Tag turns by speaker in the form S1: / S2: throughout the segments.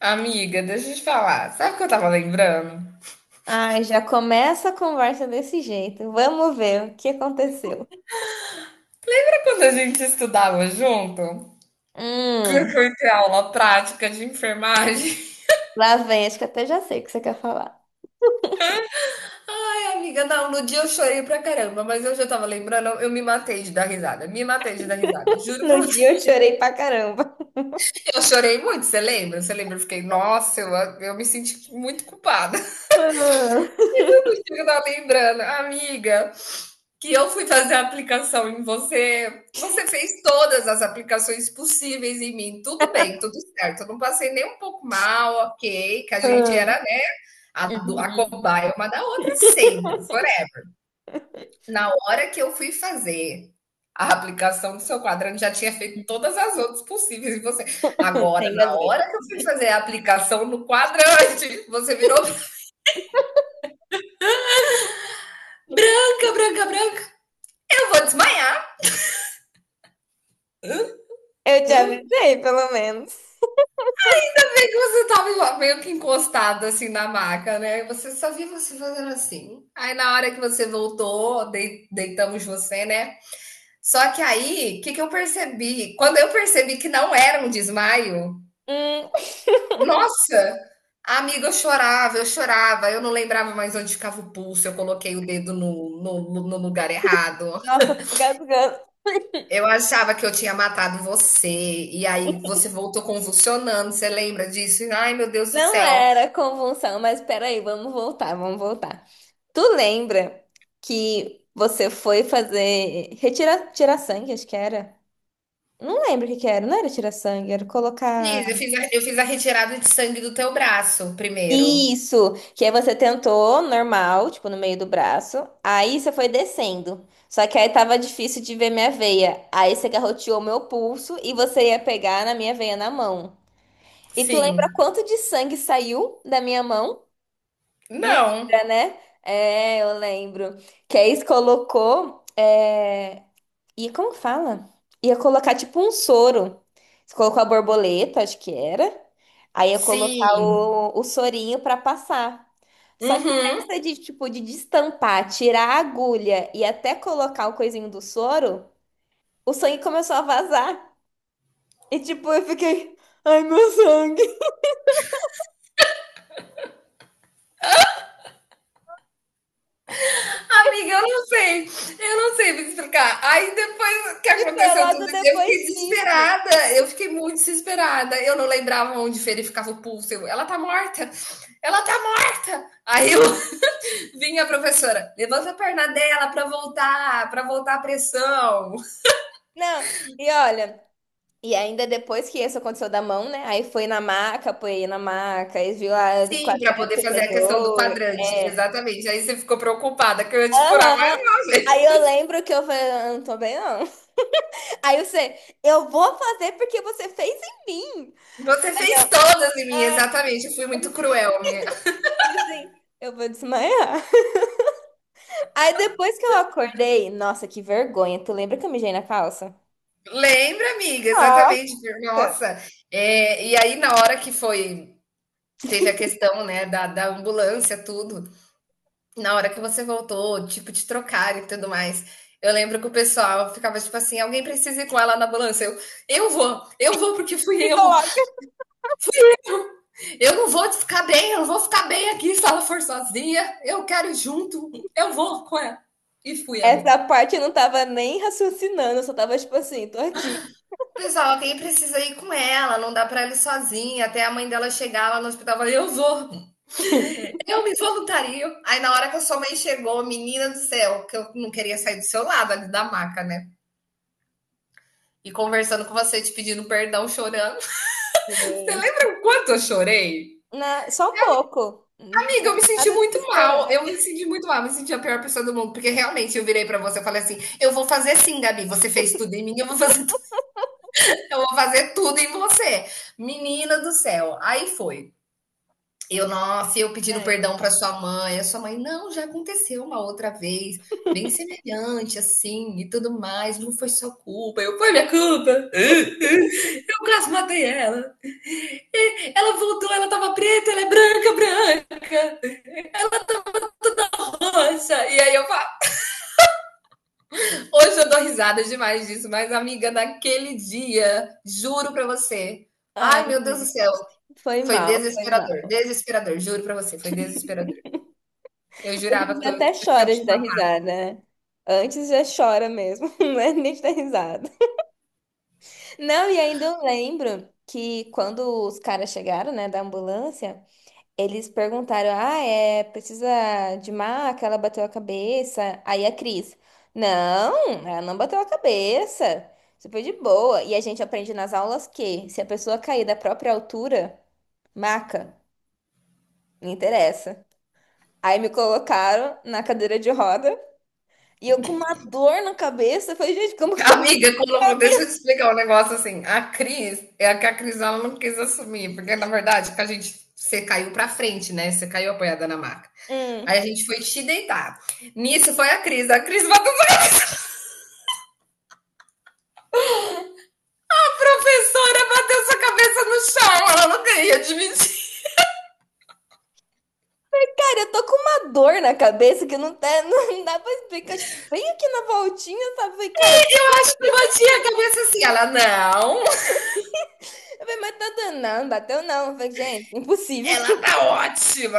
S1: Amiga, deixa eu te falar. Sabe o que eu tava lembrando?
S2: Ai, já começa a conversa desse jeito. Vamos ver o que aconteceu.
S1: Sabe quando a gente estudava junto? Que
S2: Hum.
S1: eu fui ter aula prática de enfermagem?
S2: Lá vem, acho que até já sei o que você quer falar.
S1: Ai, amiga, não, no dia eu chorei pra caramba, mas hoje eu tava lembrando, eu me matei de dar risada. Me matei de dar risada. Juro pra
S2: No
S1: você,
S2: dia eu chorei pra caramba.
S1: eu chorei muito, você lembra? Você lembra? Eu fiquei, nossa, eu me senti muito culpada.
S2: Ah,
S1: No eu tava lembrando. Amiga, que eu fui fazer a aplicação em você, você fez todas as aplicações possíveis em mim. Tudo bem, tudo certo. Eu não passei nem um pouco mal, ok, que a gente
S2: ah.
S1: era, né, a
S2: Uhum.
S1: cobaia uma da outra sempre. Porém, na hora que eu fui fazer a aplicação do seu quadrante, já tinha feito todas as outras possíveis em você. Agora, na
S2: Engasguei.
S1: hora que eu fui fazer a aplicação no quadrante, você virou branca, branca, branca. Eu vou desmaiar.
S2: Eu te
S1: Hum,
S2: avisei, pelo menos.
S1: que você tava meio que encostado assim na maca, né? E você só viu você fazendo assim. Aí na hora que você voltou, deitamos você, né? Só que aí, o que, que eu percebi? Quando eu percebi que não era um desmaio,
S2: Hum,
S1: nossa! Amiga, eu chorava, eu chorava, eu não lembrava mais onde ficava o pulso, eu coloquei o dedo no lugar errado.
S2: Nossa, eu tô engasgando.
S1: Eu achava que eu tinha matado você, e aí você voltou convulsionando, você lembra disso? Ai, meu Deus do
S2: Não
S1: céu.
S2: era convulsão, mas peraí, vamos voltar, vamos voltar. Tu lembra que você foi fazer tirar sangue, acho que era? Não lembro o que que era, não era tirar sangue, era colocar.
S1: Fiz, eu fiz a retirada de sangue do teu braço primeiro.
S2: Isso! Que aí você tentou normal, tipo, no meio do braço. Aí você foi descendo. Só que aí tava difícil de ver minha veia. Aí você garroteou meu pulso e você ia pegar na minha veia na mão. E tu lembra
S1: Sim.
S2: quanto de sangue saiu da minha mão? Não
S1: Não.
S2: lembra, né? É, eu lembro. Que a ex colocou. É. E como que fala? Ia colocar tipo um soro. Você colocou a borboleta, acho que era. Aí ia colocar
S1: Sim.
S2: o sorinho pra passar. Só que
S1: Uhum.
S2: nessa de tipo de destampar, tirar a agulha e até colocar o coisinho do soro, o sangue começou a vazar. E tipo, eu fiquei, ai meu sangue.
S1: Amiga, eu não sei. Eu não sei me explicar. Aí depois que
S2: E foi
S1: aconteceu
S2: logo
S1: tudo isso, eu
S2: depois
S1: fiquei
S2: disso.
S1: desesperada. Eu fiquei muito desesperada. Eu não lembrava onde verificava o pulso. Eu, ela tá morta. Ela tá morta. Aí eu vinha a professora, levanta a perna dela para voltar a pressão.
S2: Não, e olha. E ainda depois que isso aconteceu da mão, né? Aí foi na maca, apoiei na maca, aí viu a
S1: Sim, para
S2: quadrante
S1: poder fazer a questão do
S2: superior.
S1: quadrante,
S2: É.
S1: exatamente. Aí você ficou preocupada que eu ia te furar, mais
S2: Aham.
S1: uma
S2: Aí
S1: vez.
S2: eu lembro que eu falei, "Eu não tô bem, não." Aí você, eu vou fazer porque você fez em mim.
S1: Você
S2: Aí
S1: fez
S2: eu,
S1: todas em mim,
S2: ah,
S1: exatamente. Eu fui muito cruel, minha.
S2: como assim? Eu vou desmaiar. Aí depois que eu acordei, nossa, que vergonha. Tu lembra que eu mijei na calça?
S1: Lembra, amiga,
S2: Nossa,
S1: exatamente. Nossa. É, e aí, na hora que foi, teve a questão, né, da ambulância, tudo, na hora que você voltou, tipo, te trocar e tudo mais. Eu lembro que o pessoal ficava tipo assim: alguém precisa ir com ela na ambulância. Eu vou porque fui
S2: ficou
S1: eu.
S2: louca.
S1: Eu não vou ficar bem, eu não vou ficar bem aqui se ela for sozinha. Eu quero ir junto, eu vou com ela. E fui,
S2: Essa
S1: amiga.
S2: parte eu não tava nem raciocinando, eu só tava tipo assim, tô aqui.
S1: Pessoal, quem precisa ir com ela, não dá pra ela ir sozinha. Até a mãe dela chegar lá no hospital, eu falei, eu vou, eu me voluntario. Aí na hora que a sua mãe chegou, menina do céu, que eu não queria sair do seu lado ali da maca, né? E conversando com você, te pedindo perdão, chorando. Você
S2: Gente.
S1: lembra o quanto eu chorei?
S2: Só um pouco.
S1: Amiga, eu me senti
S2: Nada de
S1: muito mal.
S2: esperar.
S1: Eu me senti muito mal, eu me senti a pior pessoa do mundo. Porque realmente eu virei pra você e falei assim: eu vou fazer sim, Gabi. Você fez tudo em mim, eu vou fazer, tu- eu vou fazer tudo em você. Menina do céu. Aí foi. Eu, nossa, eu pedindo
S2: Ai,
S1: perdão pra sua mãe. A sua mãe, não, já aconteceu uma outra vez, bem semelhante, assim, e tudo mais. Não foi sua culpa. Eu, foi minha culpa. Eu quase matei ela. Ela voltou, ela tava preta, ela é branca, branca, roxa. E aí eu, hoje eu dou risada demais disso, mas amiga, naquele dia, juro para você.
S2: ai,
S1: Ai, meu Deus do
S2: né?
S1: céu,
S2: Foi
S1: foi
S2: mal, foi
S1: desesperador,
S2: mal.
S1: desesperador, juro para você, foi desesperador. Eu
S2: Hoje
S1: jurava
S2: em até
S1: que eu tinha
S2: chora de
S1: te
S2: dar
S1: matado.
S2: risada, né? Antes já chora mesmo, não é nem de dar risada. Não, e ainda eu lembro que quando os caras chegaram, né, da ambulância. Eles perguntaram: "Ah, é, precisa de maca? Ela bateu a cabeça." Aí a Cris: "Não, ela não bateu a cabeça. Isso foi de boa. E a gente aprende nas aulas que se a pessoa cair da própria altura, maca, não interessa." Aí me colocaram na cadeira de roda e eu com uma dor na cabeça. Eu falei, gente, como que eu
S1: Amiga, colocou,
S2: abri?
S1: deixa eu te explicar um negócio assim. A Cris, é a que a Cris ela não quis assumir, porque na verdade que a gente você caiu para frente, né? Você caiu apoiada na maca.
S2: Hum.
S1: Aí a gente foi te deitar. Nisso foi a Cris. A Cris bateu a professora, bateu sua cabeça no chão. Ela não queria admitir.
S2: Cara, eu tô com uma dor na cabeça que não, tá, não dá pra explicar. Tipo, bem aqui na voltinha, sabe?
S1: Acho que eu bati a cabeça assim. Ela, não,
S2: Eu falei, mas tanto não, bateu não. Eu falei, gente, impossível.
S1: ela tá ótima.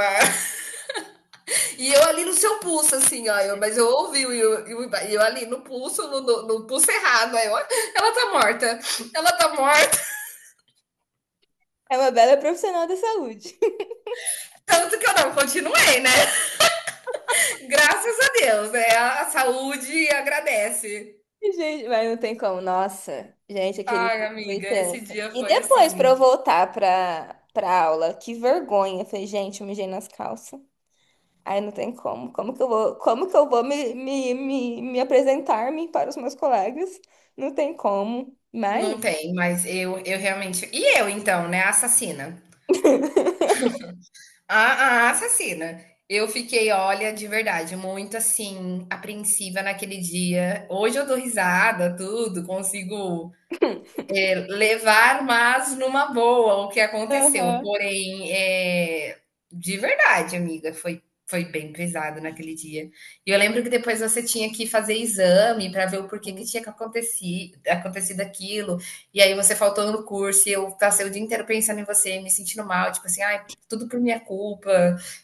S1: E eu ali no seu pulso, assim, ó. Mas eu ouvi, e eu ali no pulso, no pulso errado. Aí eu, ela tá morta, ela tá morta.
S2: É uma bela profissional da saúde.
S1: Tanto que eu não continuei, né? Graças a Deus, né? A saúde agradece.
S2: Gente, mas não tem como. Nossa, gente, aquele
S1: Ai,
S2: dia foi
S1: amiga, esse
S2: tenso.
S1: dia
S2: E
S1: foi
S2: depois pra
S1: assim.
S2: eu voltar pra, aula, que vergonha. Eu falei, gente, eu mijei nas calças. Aí não tem como. Como que eu vou, como que eu vou me apresentar-me para os meus colegas? Não tem como. Mas.
S1: Não tem, mas eu realmente. E eu, então, né? Assassina. A assassina. Eu fiquei, olha, de verdade, muito, assim, apreensiva naquele dia. Hoje eu dou risada, tudo, consigo levar, mas numa boa, o que aconteceu.
S2: Aham.
S1: Porém, é de verdade, amiga, foi bem pesado naquele dia. E eu lembro que depois você tinha que fazer exame para ver o porquê que tinha que aconteci acontecido aquilo. E aí você faltou no curso e eu passei o dia inteiro pensando em você, me sentindo mal, tipo assim, ai, tudo por minha culpa.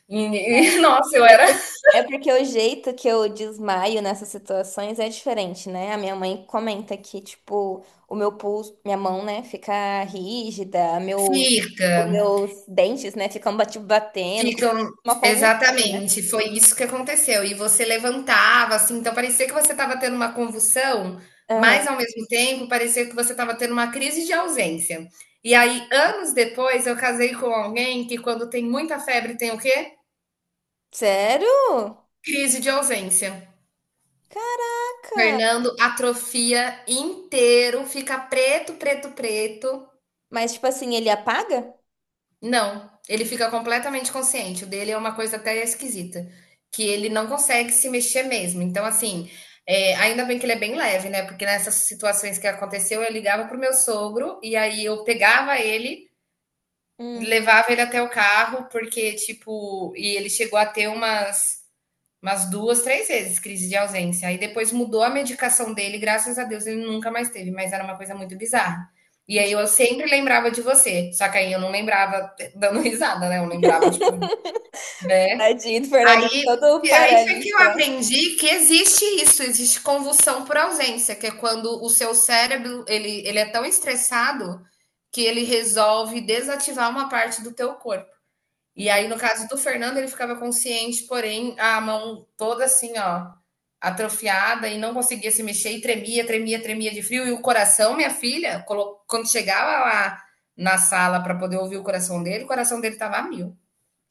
S1: E, e nossa, eu
S2: É,
S1: era
S2: é porque o jeito que eu desmaio nessas situações é diferente, né? A minha mãe comenta que, tipo, o meu pulso, minha mão, né, fica rígida, meu, os
S1: fica,
S2: meus dentes, né, ficam batendo, como
S1: ficam,
S2: uma convulsão, né?
S1: exatamente, foi isso que aconteceu. E você levantava, assim, então parecia que você estava tendo uma convulsão, mas
S2: Aham.
S1: ao mesmo tempo parecia que você estava tendo uma crise de ausência. E aí, anos depois, eu casei com alguém que, quando tem muita febre, tem o quê?
S2: Sério?
S1: Crise de ausência.
S2: Caraca!
S1: Fernando atrofia inteiro, fica preto, preto, preto.
S2: Mas, tipo assim, ele apaga?
S1: Não, ele fica completamente consciente. O dele é uma coisa até esquisita, que ele não consegue se mexer mesmo. Então, assim, é, ainda bem que ele é bem leve, né? Porque nessas situações que aconteceu, eu ligava pro meu sogro e aí eu pegava ele,
S2: Hum.
S1: levava ele até o carro, porque, tipo, e ele chegou a ter umas umas duas, três vezes crise de ausência. Aí depois mudou a medicação dele, graças a Deus ele nunca mais teve, mas era uma coisa muito bizarra. E aí eu sempre lembrava de você, só que aí eu não lembrava dando risada, né? Eu lembrava, tipo, né?
S2: Tadinho do Fernando,
S1: Aí
S2: todo
S1: é isso que eu
S2: paralítico lá.
S1: aprendi que existe isso, existe convulsão por ausência, que é quando o seu cérebro, ele é tão estressado que ele resolve desativar uma parte do teu corpo. E
S2: Hum.
S1: aí, no caso do Fernando, ele ficava consciente, porém, a mão toda assim, ó, atrofiada e não conseguia se mexer e tremia, tremia, tremia de frio. E o coração, minha filha, quando chegava lá na sala para poder ouvir o coração dele tava a mil.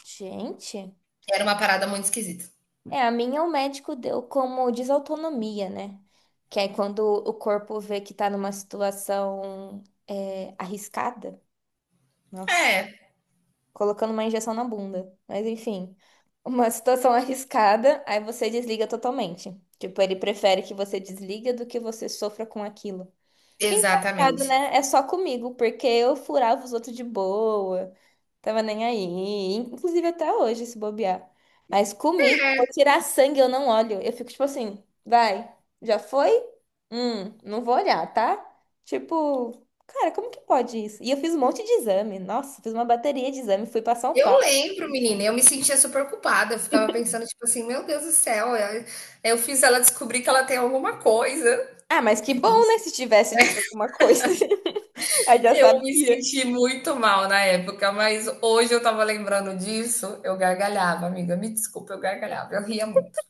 S2: Gente.
S1: Era uma parada muito esquisita.
S2: É, a minha o médico deu como desautonomia, né? Que é quando o corpo vê que tá numa situação, arriscada. Nossa,
S1: É,
S2: colocando uma injeção na bunda. Mas enfim, uma situação arriscada, aí você desliga totalmente. Tipo, ele prefere que você desliga do que você sofra com aquilo. Engraçado,
S1: exatamente.
S2: né? É só comigo, porque eu furava os outros de boa. Tava nem aí. Inclusive até hoje, se bobear. Mas comigo, vou tirar sangue, eu não olho. Eu fico tipo assim, vai, já foi? Não vou olhar, tá? Tipo, cara, como que pode isso? E eu fiz um monte de exame. Nossa, fiz uma bateria de exame, fui pra São Paulo.
S1: Eu lembro, menina, eu me sentia super culpada. Eu ficava pensando, tipo assim, meu Deus do céu, eu fiz ela descobrir que ela tem alguma coisa.
S2: Ah, mas que bom, né? Se tivesse tido alguma coisa, aí já
S1: Eu me
S2: sabia.
S1: senti muito mal na época, mas hoje eu tava lembrando disso, eu gargalhava, amiga. Me desculpa, eu gargalhava, eu ria muito.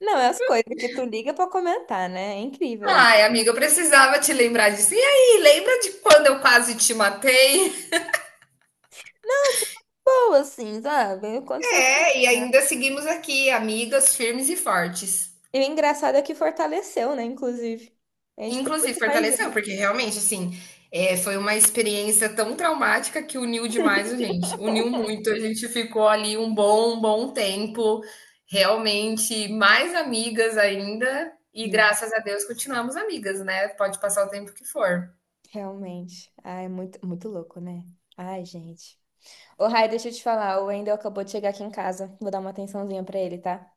S2: Não, é as coisas que tu liga pra comentar, né? É incrível isso.
S1: Ai, amiga, eu precisava te lembrar disso. E aí, lembra de quando eu quase te matei?
S2: Boa, assim, sabe? Aconteceu.
S1: É, e ainda seguimos aqui, amigas firmes e fortes.
S2: E o engraçado é que fortaleceu, né? Inclusive. A gente ficou
S1: Inclusive
S2: muito mais
S1: fortaleceu,
S2: junto.
S1: porque realmente, assim, foi uma experiência tão traumática que uniu demais a gente, uniu muito, a gente ficou ali um bom tempo, realmente mais amigas ainda, e
S2: Não,
S1: graças a Deus continuamos amigas, né, pode passar o tempo que for.
S2: realmente. Ah, é muito, muito louco, né? Ai, gente. Ô, Rai, deixa eu te falar. O Wendel acabou de chegar aqui em casa. Vou dar uma atençãozinha pra ele, tá?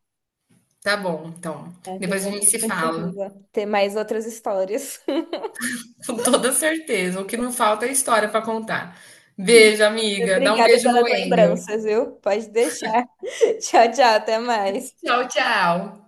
S1: Tá bom, então,
S2: É,
S1: depois a
S2: depois a
S1: gente
S2: gente
S1: se fala,
S2: continua. Ter mais outras histórias.
S1: com toda certeza, o que não falta é história para contar. Beijo, amiga, dá um
S2: Obrigada
S1: beijo
S2: pelas
S1: no Engel.
S2: lembranças, viu? Pode deixar. Tchau, tchau. Até mais.
S1: Tchau, tchau.